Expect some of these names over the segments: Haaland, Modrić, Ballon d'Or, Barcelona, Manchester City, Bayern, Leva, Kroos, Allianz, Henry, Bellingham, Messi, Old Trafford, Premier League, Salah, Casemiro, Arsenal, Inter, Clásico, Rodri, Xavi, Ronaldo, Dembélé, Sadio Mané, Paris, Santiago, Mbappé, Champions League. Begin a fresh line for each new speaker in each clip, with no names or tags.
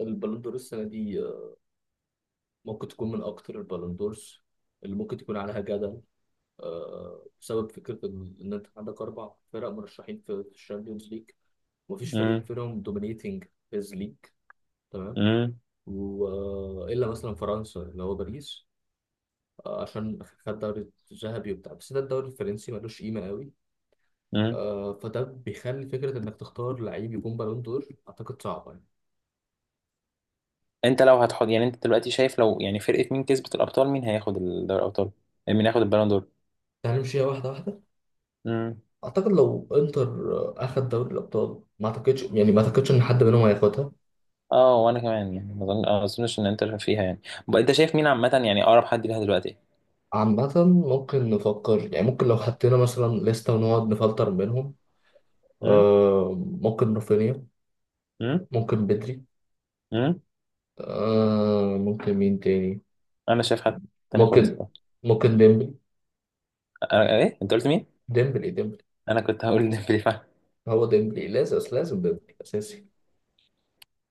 البالون دور السنة دي ممكن تكون من أكتر البالون دورز اللي ممكن تكون عليها جدل، بسبب فكرة إن أنت عندك أربع فرق مرشحين في الشامبيونز ليج. مفيش فريق
امم
فيهم دومينيتنج هيز ليج. تمام.
امم
وإلا مثلا فرنسا اللي هو باريس، عشان خد دوري ذهبي وبتاع، بس ده الدوري الفرنسي ملوش قيمة قوي.
امم
فده بيخلي فكرة إنك تختار لعيب يكون بالون دور، أعتقد صعبة يعني.
انت لو هتحط يعني انت دلوقتي شايف لو يعني فرقة مين كسبت الابطال، مين هياخد دوري الابطال؟ مين هياخد البالون دور؟
تعال نمشيها واحدة واحدة.
امم
اعتقد لو انتر اخد دوري الابطال ما اعتقدش، يعني ما اعتقدش ان حد منهم هياخدها.
اه وانا كمان يعني ما اظن، ما اظنش ان انت فيها يعني. بقى انت شايف مين عامة؟ يعني اقرب حد ليها دلوقتي؟
عامة ممكن نفكر، يعني ممكن لو حطينا مثلا لستة ونقعد نفلتر منهم.
امم
آه، ممكن رافينيا،
امم
ممكن بدري،
امم
آه ممكن مين تاني.
انا شايف حد تاني خالص
ممكن
بقى
ممكن ديمبلي،
أنا... ايه انت قلت مين؟
ديمبلي ديمبلي.
انا كنت هقول ديمبلي فعلا.
هو ديمبلي لازم لازم، ديمبلي اساسي.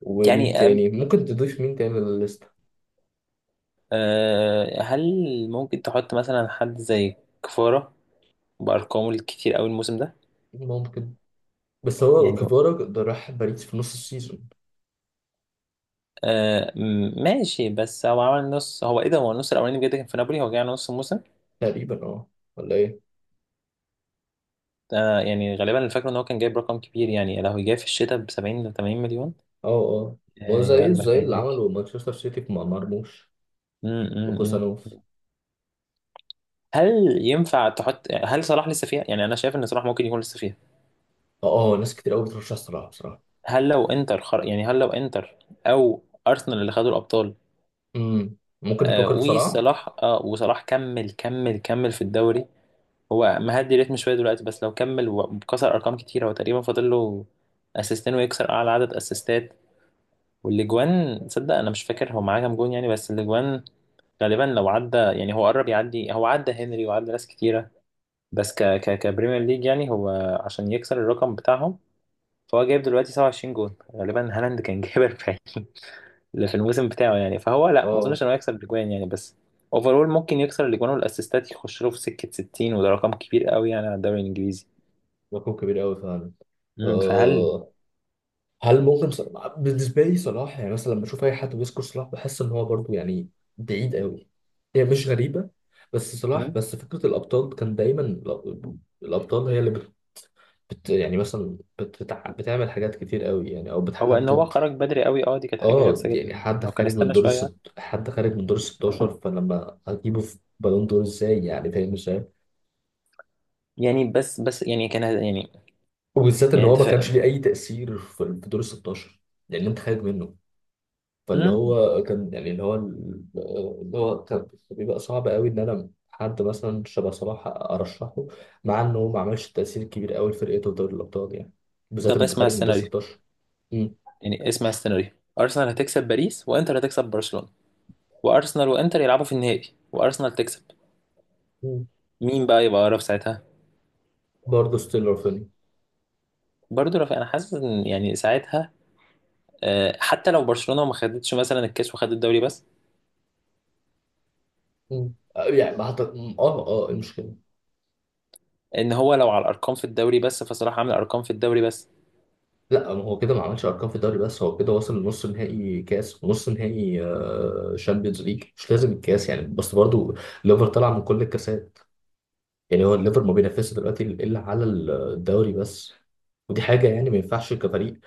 ومين
يعني
تاني ممكن تضيف، مين تاني للستة؟
هل ممكن تحط مثلا حد زي كفارة بارقامه الكتير قوي الموسم ده؟
ممكن، بس هو
يعني
كفارا ده راح باريس في نص السيزون
آه ماشي، بس هو عمل نص، هو ايه ده، هو النص الاولاني بجد كان في نابولي، هو جاي على نص الموسم.
تقريبا، اه، ولا ايه.
آه يعني غالبا اللي فاكره ان هو كان جايب رقم كبير، يعني لو جاي في الشتاء ب 70 ل 80 مليون.
اه اه، ما هو
آه يا
زي
قلبك
زي
يعني
اللي
ليك.
عمله مانشستر سيتي مع مرموش
م- م- م.
وكوسانوف.
هل ينفع تحط يعني، هل صلاح لسه فيها؟ يعني انا شايف ان صلاح ممكن يكون لسه فيها.
اه اه اه، ناس كتير قوي بترشح صلاح بصراحه.
هل لو انتر يعني هل لو انتر او ارسنال اللي خدوا الابطال؟
امم، ممكن
آه
تفكر في صلاح.
وصلاح، كمل كمل في الدوري. هو مهدي ريتم شويه دلوقتي، بس لو كمل وكسر ارقام كتيره هو تقريبا فاضل له اسيستين ويكسر اعلى عدد اسيستات. والاجوان صدق انا مش فاكر هو معاه كام جون يعني، بس الاجوان غالبا لو عدى، يعني هو قرب يعدي، هو عدى هنري وعدى ناس كتيره، بس ك ك كبريمير ليج يعني هو، عشان يكسر الرقم بتاعهم. فهو جايب دلوقتي 27 جون، غالبا هالاند كان جايب 40 اللي في الموسم بتاعه يعني. فهو لا، ما
اه،
اظنش ان هو يكسر الاجوان يعني، بس اوفرول ممكن يكسر الاجوان والاسيستات يخش له في سكه 60، وده رقم كبير قوي يعني على الدوري الانجليزي.
مفهوم كبير قوي فعلا.
مم، فهل
آه، هل ممكن صلاح، بالنسبه لي صلاح يعني، مثلا لما بشوف اي حد بيذكر صلاح بحس ان هو برضو يعني بعيد قوي. هي مش غريبه، بس صلاح
مم،
بس فكره الابطال كان دايما الابطال، هي اللي يعني مثلا بتعمل حاجات كتير قوي يعني، او
هو ان هو
بتحدد.
خرج بدري قوي اه، دي كانت حاجه
اه
غلسه
يعني،
جدا، لو كان استنى شويه
حد خارج من دور ال 16، فلما هجيبه في بالون دور ازاي يعني، فاهم ازاي؟
يعني. بس بس يعني كان يعني،
وبالذات ان
يعني
هو
انت
ما كانش
فاهم.
ليه اي تأثير في دور ال 16، لان انت خارج منه. فاللي
مم،
هو كان يعني، اللي هو كان بيبقى صعب قوي ان انا حد مثلا شبه صلاح ارشحه، مع انه هو ما عملش تأثير كبير قوي لفرقته في دوري الابطال يعني، بالذات
طب
انه
اسمع
خارج من دور
السيناريو،
16. امم،
يعني اسمع السيناريو. ارسنال هتكسب باريس، وانتر هتكسب برشلونه، وارسنال وانتر يلعبوا في النهائي، وارسنال تكسب. مين بقى يبقى اقرب ساعتها؟
برضه ستيل رافينيا.
برضه رافع، انا حاسس ان يعني ساعتها، آه، حتى لو برشلونه ما خدتش مثلا الكاس وخد الدوري بس.
مم. يعني ما حط... اه اه، إيه المشكله.
ان هو لو على الارقام في الدوري بس، فصلاح عامل ارقام في الدوري بس.
لا هو كده ما عملش ارقام في الدوري بس، هو كده وصل لنص نهائي كاس ونص نهائي شامبيونز ليج، مش لازم الكاس يعني بس برضو. ليفر طلع من كل الكاسات، يعني هو الليفر ما بينافسش دلوقتي الا على الدوري بس، ودي حاجه يعني ما ينفعش كفريق.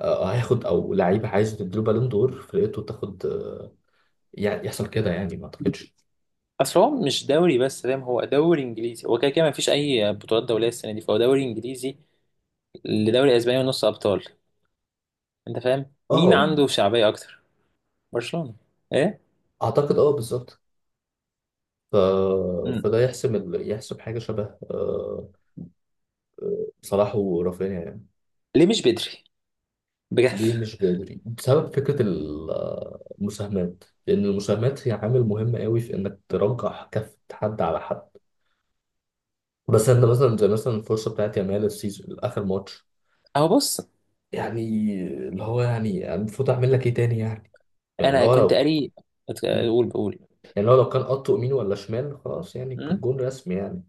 هياخد او لعيبه عايزه تديله بالون دور فرقته تاخد، يعني يحصل كده، يعني ما اعتقدش.
اصل هو مش دوري بس فاهم، هو دوري انجليزي، هو كده كده مفيش اي بطولات دوليه السنه دي، فهو دوري انجليزي لدوري اسباني ونص ابطال. انت فاهم مين
اه،
عنده شعبيه اكتر؟ برشلونه. ايه.
اعتقد اه بالظبط. ف...
مم.
فده يحسم يحسم حاجه شبه، آه، صلاح ورافينيا يعني.
ليه مش بدري؟ بجد.
ليه مش جذري؟ بسبب فكرة المساهمات، لأن المساهمات هي عامل مهم قوي في إنك ترجح كفة حد على حد. بس أنت مثلا زي مثلا الفرصة بتاعت يامال السيزون آخر ماتش
اهو بص،
يعني، اللي هو يعني المفروض أعمل لك إيه تاني يعني اللي
انا
هو
كنت
لو.
قاري،
مم.
بقول.
يعني هو لو كان قطه يمين ولا شمال خلاص يعني
م?
الجون رسمي يعني.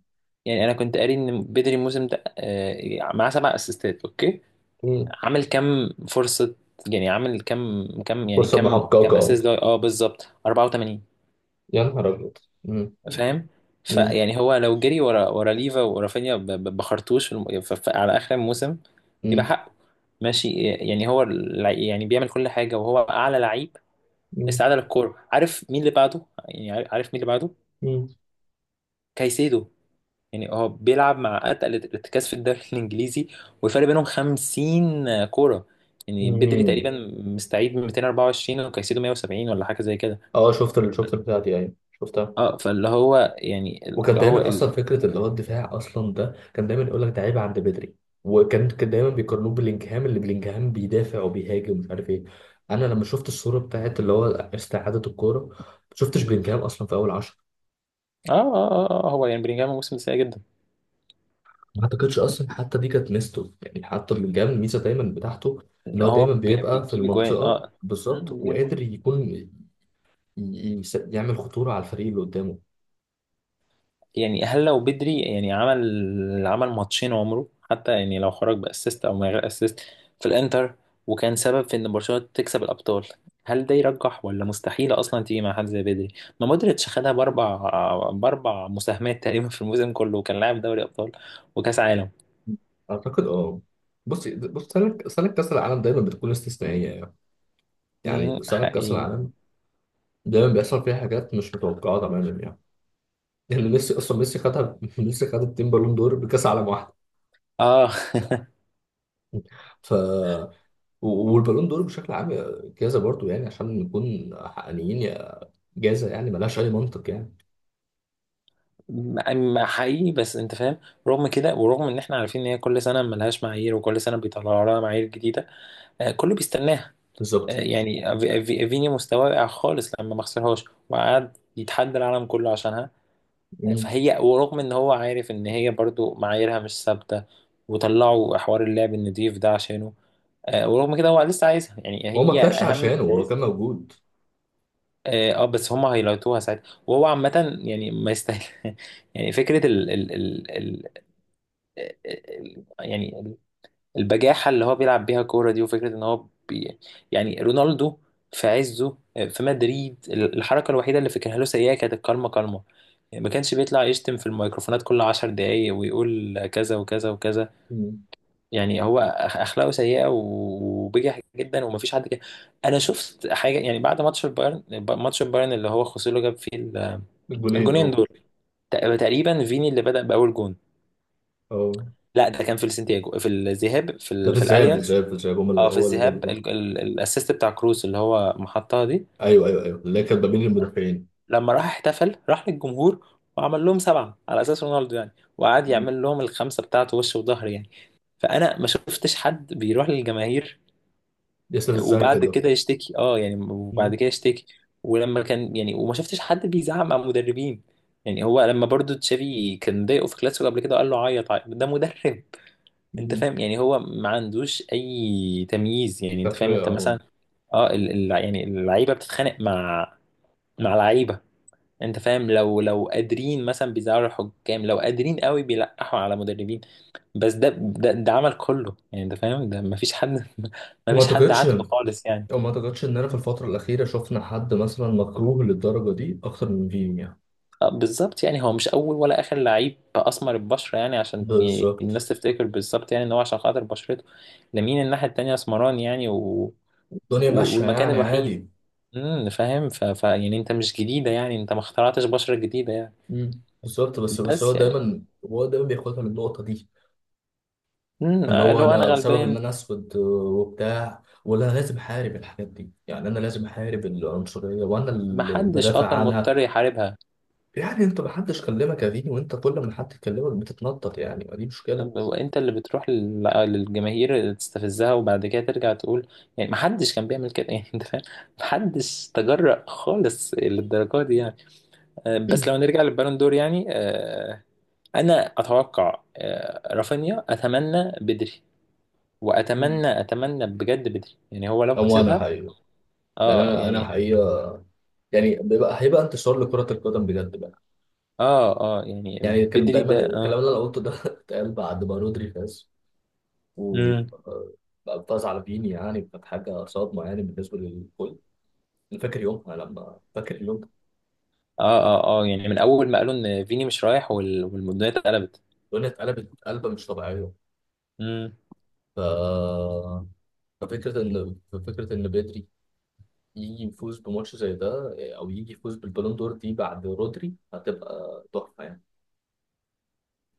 يعني انا كنت قاري ان بدري الموسم ده آه، معاه سبع اسيستات، اوكي.
مم.
عامل كام فرصه؟ يعني عامل كام كام يعني
فرصة
كام كام
محققة أهو.
اسيست ده؟ اه بالظبط 84.
يا نهار أبيض. مم. مم.
فاهم.
مم.
فيعني هو لو جري ورا ليفا ورافينيا بخرطوش في الم... ف... ف... على اخر الموسم، يبقى
مم.
حقه. ماشي يعني هو يعني بيعمل كل حاجه وهو اعلى لعيب استعاده للكوره. عارف مين اللي بعده يعني؟ عارف عارف مين اللي بعده؟
مم.
كايسيدو. يعني هو بيلعب مع اتقل الارتكاز في الدوري الانجليزي، والفرق بينهم 50 كوره، يعني بدري
مم.
تقريبا مستعيد من 224 وكايسيدو 170 ولا حاجه زي كده.
اه، شفت البتاعة دي، أيوة شفتها.
اه فاللي هو يعني
وكان
اللي هو
دايما
ال...
اصلا فكره اللي هو الدفاع اصلا ده، كان دايما يقول لك ده عيب عند بدري. وكان دايما بيقارنوه بلينجهام، اللي بلينجهام بيدافع وبيهاجم ومش عارف ايه. انا لما شفت الصوره بتاعت اللي هو استعاده الكوره، ما شفتش بلينجهام اصلا في اول عشرة.
اه اه اه آه، هو يعني بلينجهام الموسم ده سيء جدا.
ما اعتقدش اصلا حتى دي كانت ميزته يعني. حتى بلينجهام الميزه دايما بتاعته ان هو
هو
دايما بيبقى في
بيجيب جوان
المنطقه
اه،
بالظبط،
مم، بيجيب أجوان.
وقادر يكون يعمل خطوره على الفريق اللي قدامه.
يعني هل لو بدري يعني عمل ماتشين عمره، حتى يعني لو خرج باسيست او من غير اسيست في الانتر، وكان سبب في ان برشلونة تكسب الابطال، هل ده يرجح ولا مستحيل اصلا تيجي مع حد زي بدري؟ ما مودريتش خدها باربع مساهمات تقريبا في الموسم كله، وكان لاعب دوري ابطال وكاس عالم.
اعتقد اه. بص بص، سنه كاس العالم دايما بتكون استثنائيه يعني. يعني
مم،
سنة كأس
حقيقي.
العالم دايما بيحصل فيها حاجات مش متوقعة تماما يعني. يعني ميسي خدها ميسي خد التيم بالون دور بكأس عالم واحد.
اه
ف والبالون دور بشكل عام جايزة برضو يعني، عشان نكون حقانيين. جايزة يعني ملهاش أي منطق يعني.
ما ما حقيقي، بس انت فاهم، رغم كده ورغم ان احنا عارفين ان هي كل سنه ملهاش معايير وكل سنه بيطلعوا لها معايير جديده، آه، كله بيستناها. آه،
بالظبط.
يعني فيني مستواه وقع خالص لما ما خسرهاش، وقعد يتحدى العالم كله عشانها. آه،
مم.
فهي ورغم ان هو عارف ان هي برضو معاييرها مش ثابته وطلعوا حوار اللعب النضيف ده عشانه، آه، ورغم كده هو لسه عايزها، يعني
هو ما
هي
طلعش
اهم
عشانه، هو
جايزه.
كان موجود.
اه آه، بس هم هيلايتوها ساعتها، وهو عامه يعني ما يستاهل يعني فكرة ال ال ال آه، يعني البجاحة اللي هو بيلعب بيها كورة دي، وفكرة ان هو بي، يعني رونالدو في عزه آه، في مدريد، الحركة الوحيدة اللي فاكرها له سيئة كانت الكلمة، ما كانش بيطلع يشتم في الميكروفونات كل عشر دقايق ويقول كذا وكذا وكذا.
مم.
يعني هو أخلاقه سيئة وبجح جدا ومفيش حد كده. أنا شفت حاجة يعني بعد ماتش البايرن، اللي هو خوسيلو جاب فيه
الجولين
الجونين
اه.
دول، تقريبا فيني اللي بدأ بأول جون.
اه،
لا ده كان في السنتياجو، في الذهاب،
ده في
في
الذهاب،
الاليانز.
هو اللي
اه في
هو اللي جاب
الذهاب،
الجول.
الاسيست بتاع كروس اللي هو محطها دي،
ايوه ايوه ايوه، اللي هي كانت ما بين المدافعين.
لما راح احتفل راح للجمهور، وعمل لهم سبعة على اساس رونالدو يعني، وقعد
مم.
يعمل لهم الخمسة بتاعته وش وظهر يعني. فانا ما شفتش حد بيروح للجماهير
ياسر ازاي
وبعد
كده.
كده
مم.
يشتكي. ولما كان يعني، وما شفتش حد بيزعق مع مدربين، يعني هو لما برضو تشافي كان ضايقه في كلاسيكو قبل كده قال له عيط عيط. ده مدرب. انت
مم.
فاهم، يعني هو ما عندوش اي تمييز. يعني انت فاهم،
تفرقة
انت
اه.
مثلا، اه ال ال يعني اللعيبه بتتخانق مع لعيبه، انت فاهم، لو قادرين مثلا بيزعلوا الحكام، لو قادرين قوي بيلقحوا على مدربين. بس ده عمل كله يعني، انت فاهم، ده ما فيش حد ما
وما
فيش حد
اعتقدش
عاتقه
يعني.
خالص يعني.
وما اعتقدش ان انا في الفتره الاخيره شفنا حد مثلا مكروه للدرجه دي اكتر من فيني يعني.
اه بالظبط، يعني هو مش اول ولا اخر لعيب اسمر البشره يعني، عشان
بالظبط.
الناس تفتكر بالظبط يعني ان هو عشان خاطر بشرته. لامين الناحيه التانيه اسمراني يعني
الدنيا ماشيه
والمكان
يعني
الوحيد،
عادي.
فاهم، يعني انت مش جديدة يعني، انت ما اخترعتش بشرة جديدة يعني.
مم. بالظبط، بس
بس يعني
هو دايما بياخدها من النقطه دي،
امم
اللي هو
لو انا
انا بسبب ان
غلبان،
انا اسود، وبتاع، ولا أنا لازم احارب الحاجات دي يعني، انا لازم احارب العنصريه وانا
ما
اللي
حدش
بدافع
اه كان
عنها.
مضطر يحاربها،
يعني انت محدش كلمك يا فيني، وانت كل ما حد يكلمك بتتنطط، يعني ما دي مشكله.
وانت اللي بتروح للجماهير تستفزها وبعد كده ترجع تقول. يعني ما حدش كان بيعمل كده يعني انت فاهم، ما حدش تجرأ خالص للدرجة دي يعني. آه، بس لو نرجع للبالون دور يعني، آه، انا اتوقع آه، رافينيا، اتمنى بدري،
مم.
واتمنى بجد بدري، يعني هو لو
او انا
كسبها.
حقيقه، يعني
اه
انا
يعني.
حقيقه، يعني بيبقى هيبقى انتشار لكرة القدم بجد بقى.
اه اه يعني
يعني كان
بدري
دايما
ده
الكلام
اه.
اللي انا قلته ده اتقال بعد ما رودري فاز، و
امم.
فاز على فيني، يعني كانت حاجة صدمة يعني بالنسبة للكل. أنا فاكر يومها، لما فاكر اليوم ده
اه اه اه يعني من اول ما قالوا ان فيني مش رايح والمدونية اتقلبت.
الدنيا اتقلبت قلبة مش طبيعية.
امم.
ف ففكرة إن بدري يجي يفوز بماتش زي ده، أو يجي يفوز بالبالون دور دي بعد رودري، هتبقى تحفة يعني.